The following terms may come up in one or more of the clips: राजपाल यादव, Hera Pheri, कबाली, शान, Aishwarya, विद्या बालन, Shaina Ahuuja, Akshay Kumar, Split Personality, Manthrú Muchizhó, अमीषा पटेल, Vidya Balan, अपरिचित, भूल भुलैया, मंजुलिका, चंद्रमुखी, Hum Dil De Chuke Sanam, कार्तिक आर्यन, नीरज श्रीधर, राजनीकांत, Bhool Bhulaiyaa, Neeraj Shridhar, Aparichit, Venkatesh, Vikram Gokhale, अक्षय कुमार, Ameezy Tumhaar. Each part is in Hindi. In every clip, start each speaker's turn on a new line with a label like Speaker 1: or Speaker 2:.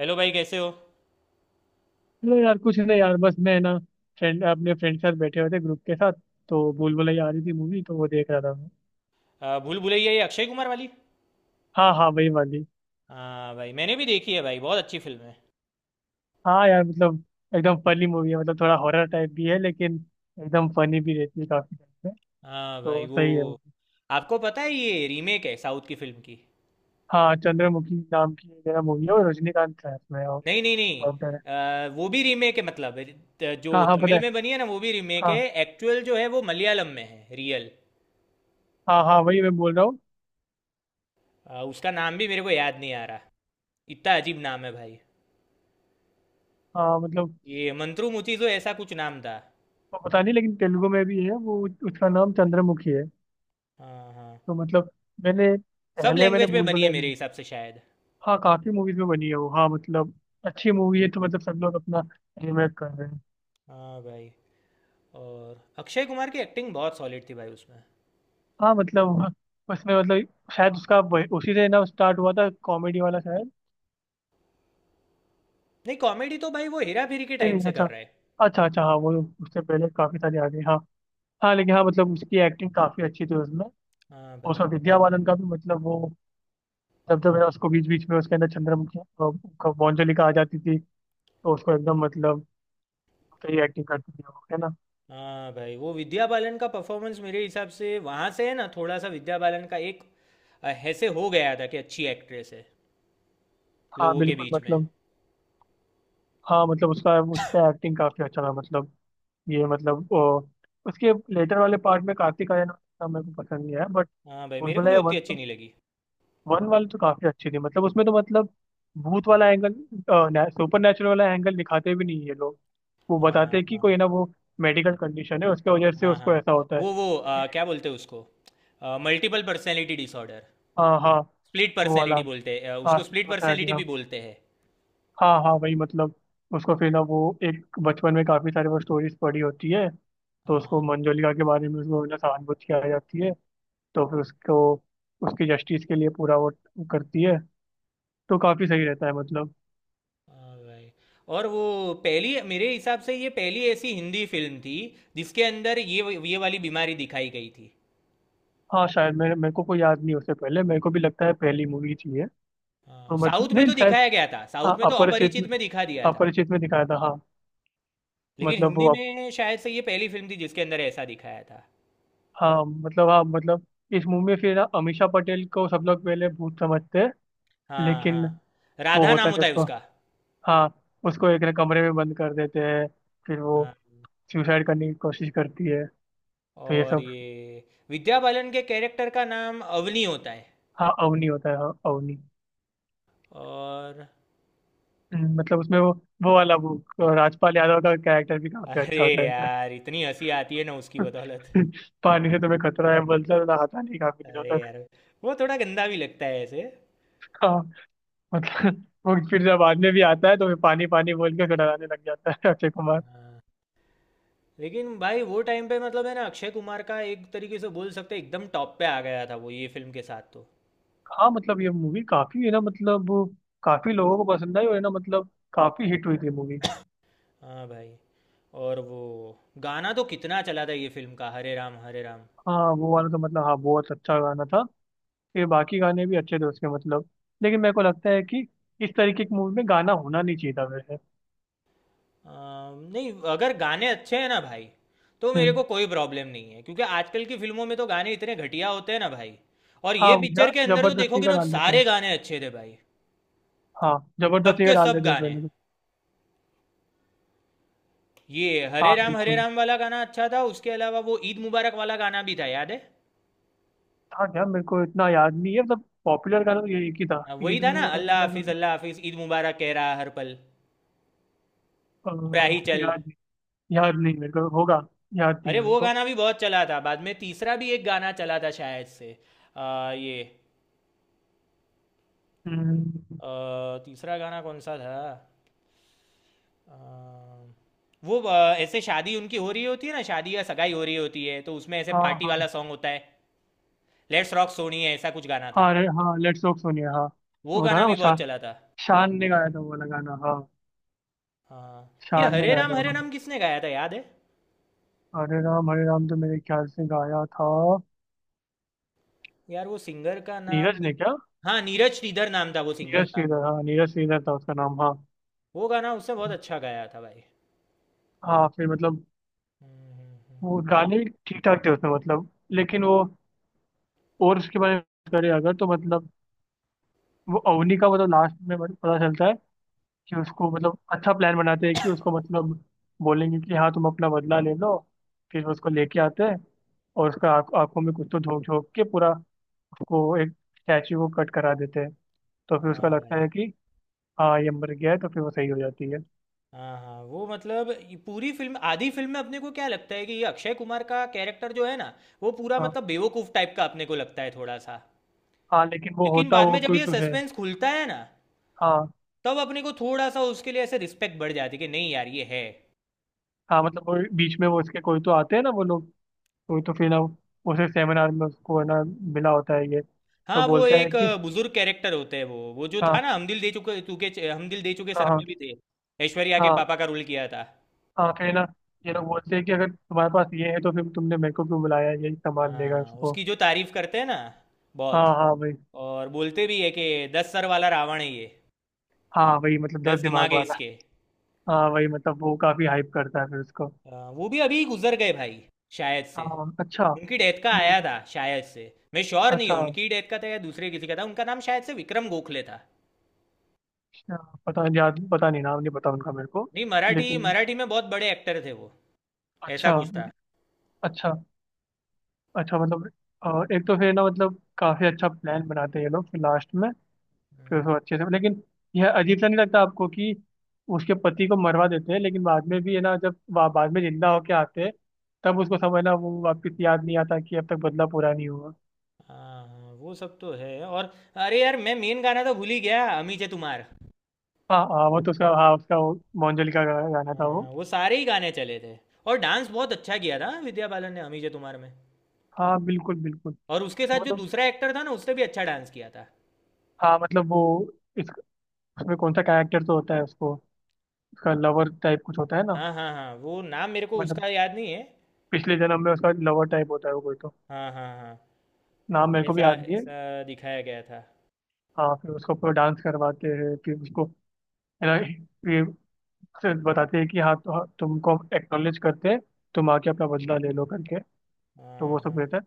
Speaker 1: हेलो भाई, कैसे हो?
Speaker 2: चलो यार, कुछ नहीं यार। बस मैं ना फ्रेंड, अपने फ्रेंड के साथ बैठे हुए थे, ग्रुप के साथ। तो भूल भुलैया आ रही थी मूवी, तो वो देख रहा था मैं।
Speaker 1: भूल भुलैया, ये अक्षय कुमार वाली?
Speaker 2: हाँ हाँ वही वाली।
Speaker 1: हाँ भाई, मैंने भी देखी है भाई। बहुत अच्छी फिल्म है।
Speaker 2: हाँ यार मतलब एकदम फनी मूवी है। मतलब थोड़ा हॉरर टाइप भी है, लेकिन एकदम फनी भी रहती है काफी टाइम पे।
Speaker 1: हाँ भाई,
Speaker 2: तो
Speaker 1: वो।
Speaker 2: सही है मूवी।
Speaker 1: आपको पता है ये रीमेक है साउथ की फिल्म की?
Speaker 2: हाँ चंद्रमुखी नाम की मेरा मूवी है और रजनीकांत का है उसमें। और
Speaker 1: नहीं नहीं नहीं।
Speaker 2: डॉक्टर है।
Speaker 1: वो भी रीमेक है मतलब। जो
Speaker 2: हाँ हाँ पता
Speaker 1: तमिल
Speaker 2: है।
Speaker 1: में बनी है ना, वो भी रीमेक है।
Speaker 2: हाँ।
Speaker 1: एक्चुअल जो है वो मलयालम में है, रियल।
Speaker 2: हाँ हाँ वही मैं बोल रहा हूँ।
Speaker 1: उसका नाम भी मेरे को याद नहीं आ रहा। इतना अजीब नाम है भाई।
Speaker 2: हाँ मतलब
Speaker 1: ये मंत्रू मुचिजो, ऐसा कुछ नाम था।
Speaker 2: वो पता नहीं, लेकिन तेलुगु में भी है वो। उसका नाम चंद्रमुखी है।
Speaker 1: हाँ हाँ।
Speaker 2: तो मतलब मैंने
Speaker 1: सब
Speaker 2: पहले मैंने
Speaker 1: लैंग्वेज में
Speaker 2: भूल
Speaker 1: बनी है
Speaker 2: भुलैया
Speaker 1: मेरे
Speaker 2: नहीं।
Speaker 1: हिसाब से, शायद।
Speaker 2: हाँ काफी मूवीज में बनी है वो। हाँ मतलब अच्छी मूवी है, तो मतलब सब लोग अपना रिमेक कर रहे हैं।
Speaker 1: हाँ भाई। और अक्षय कुमार की एक्टिंग बहुत सॉलिड थी भाई उसमें।
Speaker 2: हाँ मतलब उसमें मतलब शायद उसका उसी से ना स्टार्ट हुआ था कॉमेडी वाला शायद।
Speaker 1: नहीं, कॉमेडी तो भाई वो हेरा फेरी के
Speaker 2: नहीं
Speaker 1: टाइम
Speaker 2: नहीं
Speaker 1: से कर
Speaker 2: अच्छा।
Speaker 1: रहा है।
Speaker 2: अच्छा अच्छा हाँ वो उससे पहले काफी सारे आ गए हाँ। हाँ लेकिन हाँ मतलब उसकी एक्टिंग काफी अच्छी थी उसमें। और
Speaker 1: हाँ भाई।
Speaker 2: उसका विद्या बालन का भी मतलब, वो जब जब है ना उसको बीच बीच में उसके अंदर चंद्रमुखी मंजुलिका आ जाती थी। तो उसको एकदम मतलब सही एक्टिंग करती थी वो, है ना।
Speaker 1: हाँ भाई, वो विद्या बालन का परफॉर्मेंस मेरे हिसाब से वहाँ से है ना, थोड़ा सा विद्या बालन का एक ऐसे हो गया था कि अच्छी एक्ट्रेस है
Speaker 2: हाँ
Speaker 1: लोगों के
Speaker 2: बिल्कुल
Speaker 1: बीच में।
Speaker 2: मतलब। हाँ मतलब उसका उस पर एक्टिंग काफी अच्छा था मतलब। ये मतलब उसके लेटर वाले पार्ट में कार्तिक आर्यन का मेरे को पसंद नहीं आया बट।
Speaker 1: हाँ भाई, मेरे को भी
Speaker 2: भूलभुलैया
Speaker 1: उतनी
Speaker 2: वन
Speaker 1: अच्छी
Speaker 2: तो,
Speaker 1: नहीं लगी।
Speaker 2: वन वाली तो काफी अच्छी थी। मतलब उसमें तो मतलब भूत वाला एंगल, सुपर नेचुरल वाला एंगल दिखाते भी नहीं ये लोग। वो बताते
Speaker 1: हाँ
Speaker 2: हैं कि
Speaker 1: हाँ
Speaker 2: कोई ना वो मेडिकल कंडीशन है, उसके वजह से
Speaker 1: हाँ
Speaker 2: उसको
Speaker 1: हाँ।
Speaker 2: ऐसा होता है।
Speaker 1: वो क्या बोलते हैं उसको? Multiple personality disorder.
Speaker 2: हाँ हाँ
Speaker 1: स्प्लिट
Speaker 2: वो वाला।
Speaker 1: पर्सनैलिटी बोलते हैं,
Speaker 2: हाँ
Speaker 1: उसको स्प्लिट
Speaker 2: पर्सनैलिटी
Speaker 1: पर्सनैलिटी
Speaker 2: हाँ।
Speaker 1: भी बोलते हैं।
Speaker 2: हाँ हाँ वही मतलब उसको फिर ना वो एक बचपन में काफी सारी वो स्टोरीज पढ़ी होती है। तो उसको
Speaker 1: हाँ।
Speaker 2: मंजुलिका के बारे में उसको ना सहानुभूति आ जाती है। तो फिर उसको उसकी जस्टिस के लिए पूरा वो करती है। तो काफी सही रहता है मतलब।
Speaker 1: हाँ भाई। और वो पहली, मेरे हिसाब से ये पहली ऐसी हिंदी फिल्म थी जिसके अंदर ये वाली बीमारी दिखाई गई थी।
Speaker 2: हाँ शायद मेरे मेरे को कोई याद नहीं। उससे पहले मेरे को भी लगता है पहली मूवी थी ये।
Speaker 1: हाँ,
Speaker 2: तो
Speaker 1: साउथ
Speaker 2: मतलब
Speaker 1: में
Speaker 2: नहीं
Speaker 1: तो
Speaker 2: शायद।
Speaker 1: दिखाया गया था, साउथ
Speaker 2: हाँ
Speaker 1: में तो
Speaker 2: अपरिचित
Speaker 1: अपरिचित
Speaker 2: में,
Speaker 1: में दिखा दिया था।
Speaker 2: अपरिचित में दिखाया था हाँ।
Speaker 1: लेकिन
Speaker 2: मतलब
Speaker 1: हिंदी
Speaker 2: वो
Speaker 1: में शायद से ये पहली फिल्म थी जिसके अंदर ऐसा दिखाया था।
Speaker 2: हाँ मतलब इस मूवी में फिर अमीषा पटेल को सब लोग पहले भूत समझते हैं
Speaker 1: हाँ हाँ।
Speaker 2: लेकिन। वो
Speaker 1: राधा
Speaker 2: होता
Speaker 1: नाम
Speaker 2: नहीं
Speaker 1: होता है
Speaker 2: उसको।
Speaker 1: उसका।
Speaker 2: हाँ उसको एक ना कमरे में बंद कर देते हैं। फिर वो
Speaker 1: हाँ।
Speaker 2: सुसाइड करने की कोशिश करती है। तो ये
Speaker 1: और
Speaker 2: सब।
Speaker 1: ये विद्या बालन के कैरेक्टर का नाम अवनी होता है।
Speaker 2: हाँ अवनी होता है, हाँ अवनी।
Speaker 1: और
Speaker 2: मतलब उसमें वो वाला वो राजपाल यादव का कैरेक्टर भी काफी
Speaker 1: अरे
Speaker 2: अच्छा होता है इसमें।
Speaker 1: यार, इतनी हंसी आती है ना उसकी बदौलत।
Speaker 2: पानी से तुम्हें खतरा है बोलता है, तो नहाता नहीं काफी दिनों
Speaker 1: अरे
Speaker 2: तक।
Speaker 1: यार, वो थोड़ा गंदा भी लगता है ऐसे।
Speaker 2: हाँ मतलब वो फिर जब बाद में भी आता है तो फिर पानी पानी बोल के डराने लग जाता है अक्षय कुमार।
Speaker 1: लेकिन भाई वो टाइम पे मतलब है ना, अक्षय कुमार का एक तरीके से बोल सकते हैं एकदम टॉप पे आ गया था वो, ये फिल्म के साथ तो।
Speaker 2: हाँ मतलब ये मूवी काफी है ना, मतलब काफी लोगों को पसंद आई। और है ना मतलब काफी हिट हुई थी मूवी।
Speaker 1: हाँ भाई। और वो गाना तो कितना चला था ये फिल्म का, हरे राम हरे राम।
Speaker 2: हाँ वो वाला तो मतलब, हाँ बहुत अच्छा गाना था। फिर बाकी गाने भी अच्छे थे उसके मतलब। लेकिन मेरे को लगता है कि इस तरीके की मूवी में गाना होना नहीं चाहिए था वैसे।
Speaker 1: नहीं, अगर गाने अच्छे हैं ना भाई, तो मेरे
Speaker 2: हम्म।
Speaker 1: को कोई प्रॉब्लम नहीं है, क्योंकि आजकल की फिल्मों में तो गाने इतने घटिया होते हैं ना भाई। और ये
Speaker 2: हाँ
Speaker 1: पिक्चर
Speaker 2: या
Speaker 1: के अंदर तो
Speaker 2: जबरदस्ती
Speaker 1: देखोगे
Speaker 2: का
Speaker 1: ना, तो
Speaker 2: डाल देते
Speaker 1: सारे
Speaker 2: हैं।
Speaker 1: गाने अच्छे थे भाई,
Speaker 2: हाँ, जबरदस्ती का
Speaker 1: सबके
Speaker 2: डाल
Speaker 1: सब
Speaker 2: देते हैं
Speaker 1: गाने।
Speaker 2: पहले तो।
Speaker 1: ये
Speaker 2: हाँ
Speaker 1: हरे
Speaker 2: बिल्कुल।
Speaker 1: राम वाला गाना अच्छा था, उसके अलावा वो ईद मुबारक वाला गाना भी था, याद है?
Speaker 2: था क्या, मेरे को इतना याद नहीं है। सब पॉपुलर गाना तो ये एक ही था,
Speaker 1: हाँ, वही
Speaker 2: ईद
Speaker 1: था ना,
Speaker 2: मुबारक वाला गाना।
Speaker 1: अल्लाह हाफिज ईद मुबारक कह रहा हर पल, राही चल।
Speaker 2: याद नहीं। याद नहीं मेरे को, होगा। याद नहीं
Speaker 1: अरे,
Speaker 2: है मेरे
Speaker 1: वो
Speaker 2: को।
Speaker 1: गाना भी बहुत चला था। बाद में तीसरा भी एक गाना चला था शायद से। ये।
Speaker 2: हम्म।
Speaker 1: तीसरा गाना कौन सा था? आ, वो ऐसे शादी उनकी हो रही होती है ना, शादी या सगाई हो रही होती है, तो उसमें ऐसे
Speaker 2: हाँ
Speaker 1: पार्टी
Speaker 2: हाँ।
Speaker 1: वाला सॉन्ग होता है। लेट्स रॉक सोनी है, ऐसा कुछ गाना था।
Speaker 2: हाँ रे हाँ लेट्स टॉक सुनिए हाँ।
Speaker 1: वो
Speaker 2: वो था
Speaker 1: गाना
Speaker 2: ना वो
Speaker 1: भी बहुत
Speaker 2: शान,
Speaker 1: चला था।
Speaker 2: शान ने गाया था वो वाला गाना हाँ।
Speaker 1: हाँ। ये
Speaker 2: शान ने गाया था
Speaker 1: हरे
Speaker 2: हाँ।
Speaker 1: राम किसने गाया था, याद है?
Speaker 2: हरे राम तो मेरे ख्याल से गाया था
Speaker 1: यार, वो सिंगर का नाम।
Speaker 2: नीरज ने क्या।
Speaker 1: हाँ, नीरज श्रीधर नाम था वो सिंगर
Speaker 2: नीरज
Speaker 1: का।
Speaker 2: श्रीधर, हाँ नीरज श्रीधर था उसका नाम हाँ।
Speaker 1: वो गाना उसने बहुत अच्छा गाया था भाई।
Speaker 2: हाँ फिर मतलब
Speaker 1: हम्म, हम्म, हम्म।
Speaker 2: वो गाने ठीक ठाक थे उसमें मतलब। लेकिन वो और उसके बारे में करें अगर तो मतलब, वो अवनी का मतलब लास्ट में मतलब पता चलता है कि उसको मतलब अच्छा प्लान बनाते हैं कि उसको मतलब बोलेंगे कि हाँ तुम अपना बदला ले लो। फिर वो उसको लेके आते हैं और उसका आँखों में कुछ तो झोंक झोंक के पूरा उसको एक स्टैचू को कट करा देते हैं। तो फिर उसका
Speaker 1: हाँ
Speaker 2: लगता
Speaker 1: भाई।
Speaker 2: है कि हाँ ये मर गया है, तो फिर वो सही हो जाती है।
Speaker 1: हाँ हाँ, वो मतलब ये पूरी फिल्म, आधी फिल्म में अपने को क्या लगता है कि ये अक्षय कुमार का कैरेक्टर जो है ना, वो पूरा
Speaker 2: हाँ
Speaker 1: मतलब बेवकूफ टाइप का अपने को लगता है थोड़ा सा।
Speaker 2: हाँ लेकिन वो
Speaker 1: लेकिन
Speaker 2: होता
Speaker 1: बाद
Speaker 2: वो
Speaker 1: में जब
Speaker 2: कोई
Speaker 1: ये
Speaker 2: तो है।
Speaker 1: सस्पेंस खुलता है ना,
Speaker 2: हाँ
Speaker 1: तब अपने को थोड़ा सा उसके लिए ऐसे रिस्पेक्ट बढ़ जाती है कि नहीं यार, ये है।
Speaker 2: हाँ मतलब वो बीच में वो उसके कोई तो आते हैं ना वो लोग। वही तो फिर ना उसे सेमिनार में उसको है ना मिला होता है ये। तो
Speaker 1: हाँ, वो
Speaker 2: बोलता है
Speaker 1: एक
Speaker 2: कि
Speaker 1: बुजुर्ग कैरेक्टर होते हैं, वो जो था
Speaker 2: हाँ
Speaker 1: ना, हम दिल दे चुके सनम
Speaker 2: हाँ
Speaker 1: में भी थे। ऐश्वर्या के
Speaker 2: हाँ।
Speaker 1: पापा का रोल किया था।
Speaker 2: हाँ फिर ना ये लोग बोलते हैं कि अगर तुम्हारे पास ये है तो फिर तुमने मेरे को क्यों बुलाया, यही सामान देगा
Speaker 1: हाँ,
Speaker 2: उसको।
Speaker 1: उसकी जो तारीफ करते हैं ना, बहुत।
Speaker 2: हाँ हाँ वही।
Speaker 1: और बोलते भी है कि 10 सर वाला रावण है ये।
Speaker 2: हाँ वही मतलब
Speaker 1: 10
Speaker 2: दस
Speaker 1: दिमाग
Speaker 2: दिमाग
Speaker 1: है
Speaker 2: वाला।
Speaker 1: इसके।
Speaker 2: हाँ वही मतलब वो काफी हाइप करता है फिर उसको।
Speaker 1: वो भी अभी गुजर गए भाई, शायद से।
Speaker 2: हाँ अच्छा।
Speaker 1: उनकी डेथ का
Speaker 2: मैं-
Speaker 1: आया था शायद से, मैं श्योर नहीं
Speaker 2: अच्छा
Speaker 1: हूँ। उनकी डेथ का था या दूसरे किसी का था। उनका नाम शायद से विक्रम गोखले था।
Speaker 2: अच्छा। पता नहीं याद, पता नहीं नाम नहीं पता उनका मेरे को।
Speaker 1: नहीं, मराठी
Speaker 2: लेकिन
Speaker 1: मराठी में बहुत बड़े एक्टर थे वो। ऐसा
Speaker 2: अच्छा।
Speaker 1: कुछ था।
Speaker 2: अच्छा अच्छा मतलब अ, एक तो फिर ना मतलब काफी अच्छा प्लान बनाते हैं ये लोग फिर लास्ट में। फिर उसको अच्छे से लेकिन, यह अजीब सा नहीं लगता आपको कि उसके पति को मरवा देते हैं लेकिन बाद में भी है ना, जब बाद में जिंदा होके आते हैं तब उसको समझना वो वापस याद नहीं आता कि अब तक बदला पूरा नहीं हुआ।
Speaker 1: हाँ हाँ, वो सब तो है। और अरे यार, मैं मेन गाना तो भूल ही गया, अमीजे तुम्हार।
Speaker 2: हाँ हाँ वो तो उसका, हाँ उसका वो मोहनजोल का गाना था
Speaker 1: हाँ,
Speaker 2: वो।
Speaker 1: वो सारे ही गाने चले थे। और डांस बहुत अच्छा किया था विद्या बालन ने अमीजे तुम्हार में।
Speaker 2: हाँ बिल्कुल बिल्कुल।
Speaker 1: और उसके साथ जो
Speaker 2: मतलब
Speaker 1: दूसरा एक्टर था ना, उसने भी अच्छा डांस किया था।
Speaker 2: हाँ मतलब वो इस उसमें कौन सा कैरेक्टर तो होता है उसको, उसका लवर टाइप कुछ होता है ना।
Speaker 1: हाँ हाँ हाँ, वो नाम मेरे को
Speaker 2: मतलब
Speaker 1: उसका याद नहीं है।
Speaker 2: पिछले जन्म में उसका लवर टाइप होता है वो कोई तो।
Speaker 1: हाँ हाँ हाँ।
Speaker 2: नाम मेरे को भी
Speaker 1: ऐसा
Speaker 2: याद नहीं है।
Speaker 1: ऐसा दिखाया गया था।
Speaker 2: हाँ फिर उसको पूरा डांस करवाते हैं, फिर उसको है ना से बताते हैं कि हाँ तो हाँ, तुमको हम एक्नॉलेज करते हैं। तुम आके अपना बदला ले लो करके। तो
Speaker 1: हाँ
Speaker 2: वो सब
Speaker 1: हाँ।
Speaker 2: रहता है।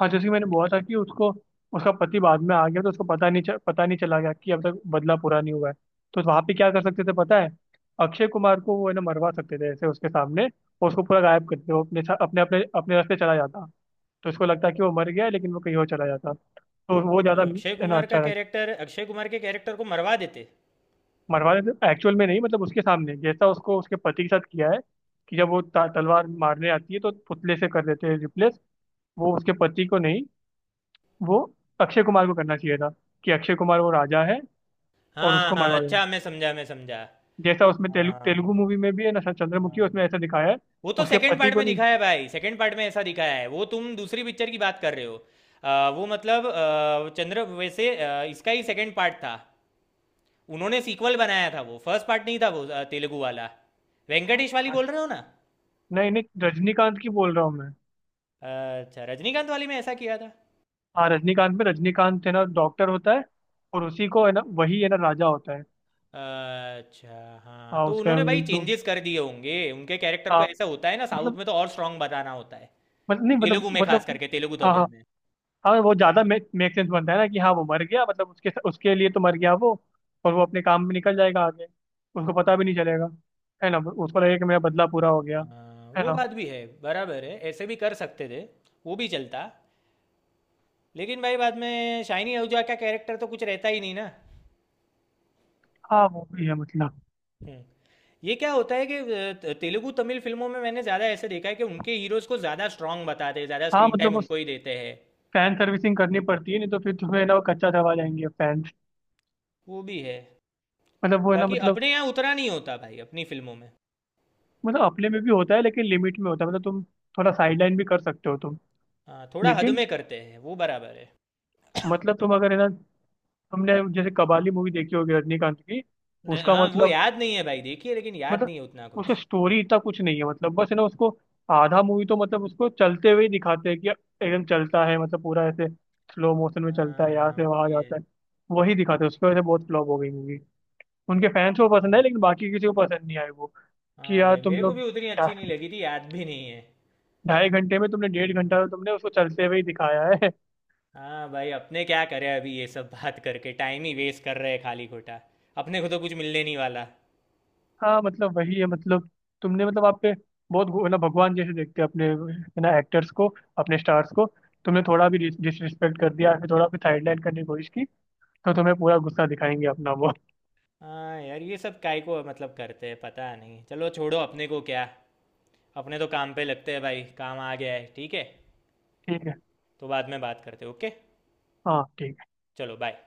Speaker 2: हाँ जैसे कि मैंने बोला था कि उसको उसका पति बाद में आ गया, तो उसको पता नहीं चला गया कि अब तक बदला पूरा नहीं हुआ है। तो वहाँ पे क्या कर सकते थे पता है, अक्षय कुमार को वो है ना मरवा सकते थे ऐसे उसके सामने। और उसको पूरा गायब करते, वो अपने अपने अपने रास्ते चला जाता। तो उसको लगता कि वो मर गया है, लेकिन वो कहीं और चला जाता। तो वो
Speaker 1: मतलब
Speaker 2: ज़्यादा है ना, अच्छा।
Speaker 1: अक्षय कुमार के कैरेक्टर को मरवा देते।
Speaker 2: मरवाने एक्चुअल में नहीं, मतलब उसके सामने जैसा उसको उसके पति के साथ किया है, कि जब वो तलवार मारने आती है तो पुतले से कर देते हैं रिप्लेस। वो उसके पति को नहीं, वो अक्षय कुमार को करना चाहिए था, कि अक्षय कुमार वो राजा है और
Speaker 1: हाँ
Speaker 2: उसको
Speaker 1: हाँ,
Speaker 2: मरवा देना।
Speaker 1: अच्छा, मैं समझा मैं समझा।
Speaker 2: जैसा उसमें
Speaker 1: हाँ।
Speaker 2: तेलुगु मूवी में भी है ना चंद्रमुखी,
Speaker 1: हाँ।
Speaker 2: उसमें ऐसा दिखाया है।
Speaker 1: वो तो
Speaker 2: उसके
Speaker 1: सेकंड
Speaker 2: पति
Speaker 1: पार्ट
Speaker 2: को
Speaker 1: में
Speaker 2: नहीं।
Speaker 1: दिखाया है भाई, सेकंड पार्ट में ऐसा दिखाया है। वो तुम दूसरी पिक्चर की बात कर रहे हो। वो मतलब चंद्र वैसे इसका ही सेकंड पार्ट था। उन्होंने सीक्वल बनाया था, वो फर्स्ट पार्ट नहीं था वो, तेलुगु वाला। वेंकटेश वाली बोल रहे हो ना?
Speaker 2: नहीं नहीं रजनीकांत की बोल रहा हूँ मैं।
Speaker 1: अच्छा, रजनीकांत वाली में ऐसा किया था।
Speaker 2: हाँ रजनीकांत में, रजनीकांत है ना डॉक्टर होता है और उसी को है ना वही है ना राजा होता है।
Speaker 1: अच्छा। हाँ,
Speaker 2: हाँ
Speaker 1: तो
Speaker 2: उसका
Speaker 1: उन्होंने भाई
Speaker 2: जो
Speaker 1: चेंजेस कर दिए होंगे उनके कैरेक्टर को।
Speaker 2: हाँ
Speaker 1: ऐसा होता है ना साउथ
Speaker 2: मतलब।
Speaker 1: में तो, और स्ट्रांग बताना होता है।
Speaker 2: मतलब नहीं मतलब
Speaker 1: तेलुगु में खास
Speaker 2: मतलब
Speaker 1: करके, तेलुगु
Speaker 2: हाँ हाँ।
Speaker 1: तमिल में।
Speaker 2: हाँ वो ज्यादा मेक मेक सेंस बनता है ना कि हाँ वो मर गया, मतलब उसके उसके लिए तो मर गया वो। और वो अपने काम में निकल जाएगा आगे, उसको पता भी नहीं चलेगा। है ना उसको लगेगा कि मेरा बदला पूरा हो गया।
Speaker 1: हाँ,
Speaker 2: है
Speaker 1: वो
Speaker 2: ना।
Speaker 1: बात भी है, बराबर है, ऐसे भी कर सकते थे। वो भी चलता। लेकिन भाई बाद में शाइनी आहूजा का कैरेक्टर तो कुछ रहता ही नहीं ना।
Speaker 2: हाँ वो भी है मतलब।
Speaker 1: हम्म। ये क्या होता है कि तेलुगु तमिल फिल्मों में मैंने ज़्यादा ऐसे देखा है कि उनके हीरोज को ज़्यादा स्ट्रांग बताते हैं, ज़्यादा
Speaker 2: हाँ
Speaker 1: स्क्रीन टाइम
Speaker 2: मतलब उस
Speaker 1: उनको ही देते हैं।
Speaker 2: फैन सर्विसिंग करनी पड़ती है, नहीं तो फिर तुम्हें ना वो कच्चा दबा जाएंगे फैंस।
Speaker 1: वो भी है।
Speaker 2: मतलब वो है ना
Speaker 1: बाकी
Speaker 2: मतलब।
Speaker 1: अपने यहाँ उतना नहीं होता भाई, अपनी फिल्मों में।
Speaker 2: मतलब अपने में भी होता है लेकिन लिमिट में होता है, मतलब तुम थोड़ा साइड लाइन भी कर सकते हो तुम।
Speaker 1: हाँ, थोड़ा हद
Speaker 2: लेकिन
Speaker 1: में करते हैं, वो बराबर है।
Speaker 2: मतलब तुम अगर है ना, तुमने जैसे कबाली मूवी देखी होगी रजनीकांत की। उसका
Speaker 1: हाँ, वो
Speaker 2: मतलब
Speaker 1: याद नहीं है भाई, देखिए, लेकिन याद
Speaker 2: मतलब
Speaker 1: नहीं है उतना
Speaker 2: उसका
Speaker 1: कुछ।
Speaker 2: स्टोरी इतना कुछ नहीं है, मतलब बस है ना उसको आधा मूवी तो मतलब उसको चलते हुए ही दिखाते हैं कि एकदम चलता है मतलब पूरा ऐसे स्लो मोशन में चलता
Speaker 1: हाँ
Speaker 2: है यहाँ
Speaker 1: हाँ,
Speaker 2: से
Speaker 1: वो
Speaker 2: वहाँ
Speaker 1: भी है।
Speaker 2: जाता है। वही दिखाते हैं, उसकी वजह से बहुत फ्लॉप हो गई मूवी। उनके फैंस को पसंद है
Speaker 1: हाँ,
Speaker 2: लेकिन बाकी किसी को पसंद नहीं आई वो। कि
Speaker 1: हाँ
Speaker 2: यार
Speaker 1: भाई,
Speaker 2: तुम
Speaker 1: मेरे को
Speaker 2: लोग
Speaker 1: भी उतनी
Speaker 2: ढा-
Speaker 1: अच्छी नहीं लगी थी, याद भी नहीं है।
Speaker 2: ढाई घंटे में तुमने डेढ़
Speaker 1: हम्म।
Speaker 2: घंटा तो तुमने उसको चलते हुए ही दिखाया है।
Speaker 1: हाँ भाई, अपने क्या करें, अभी ये सब बात करके टाइम ही वेस्ट कर रहे हैं खाली खोटा। अपने को तो कुछ मिलने नहीं वाला।
Speaker 2: हाँ मतलब वही है, मतलब तुमने मतलब आप पे बहुत ना भगवान जैसे देखते हैं अपने है ना एक्टर्स को, अपने स्टार्स को। तुमने थोड़ा भी डिसरिस्पेक्ट कर दिया फिर, थोड़ा भी साइडलाइन करने की कोशिश की तो तुम्हें पूरा गुस्सा दिखाएंगे अपना वो।
Speaker 1: हाँ यार, ये सब काय को मतलब करते हैं, पता नहीं। चलो छोड़ो, अपने को क्या। अपने तो काम पे लगते हैं भाई, काम आ गया है, ठीक है।
Speaker 2: ठीक है।
Speaker 1: तो बाद में बात करते हैं, ओके।
Speaker 2: हाँ ठीक है।
Speaker 1: चलो, बाय।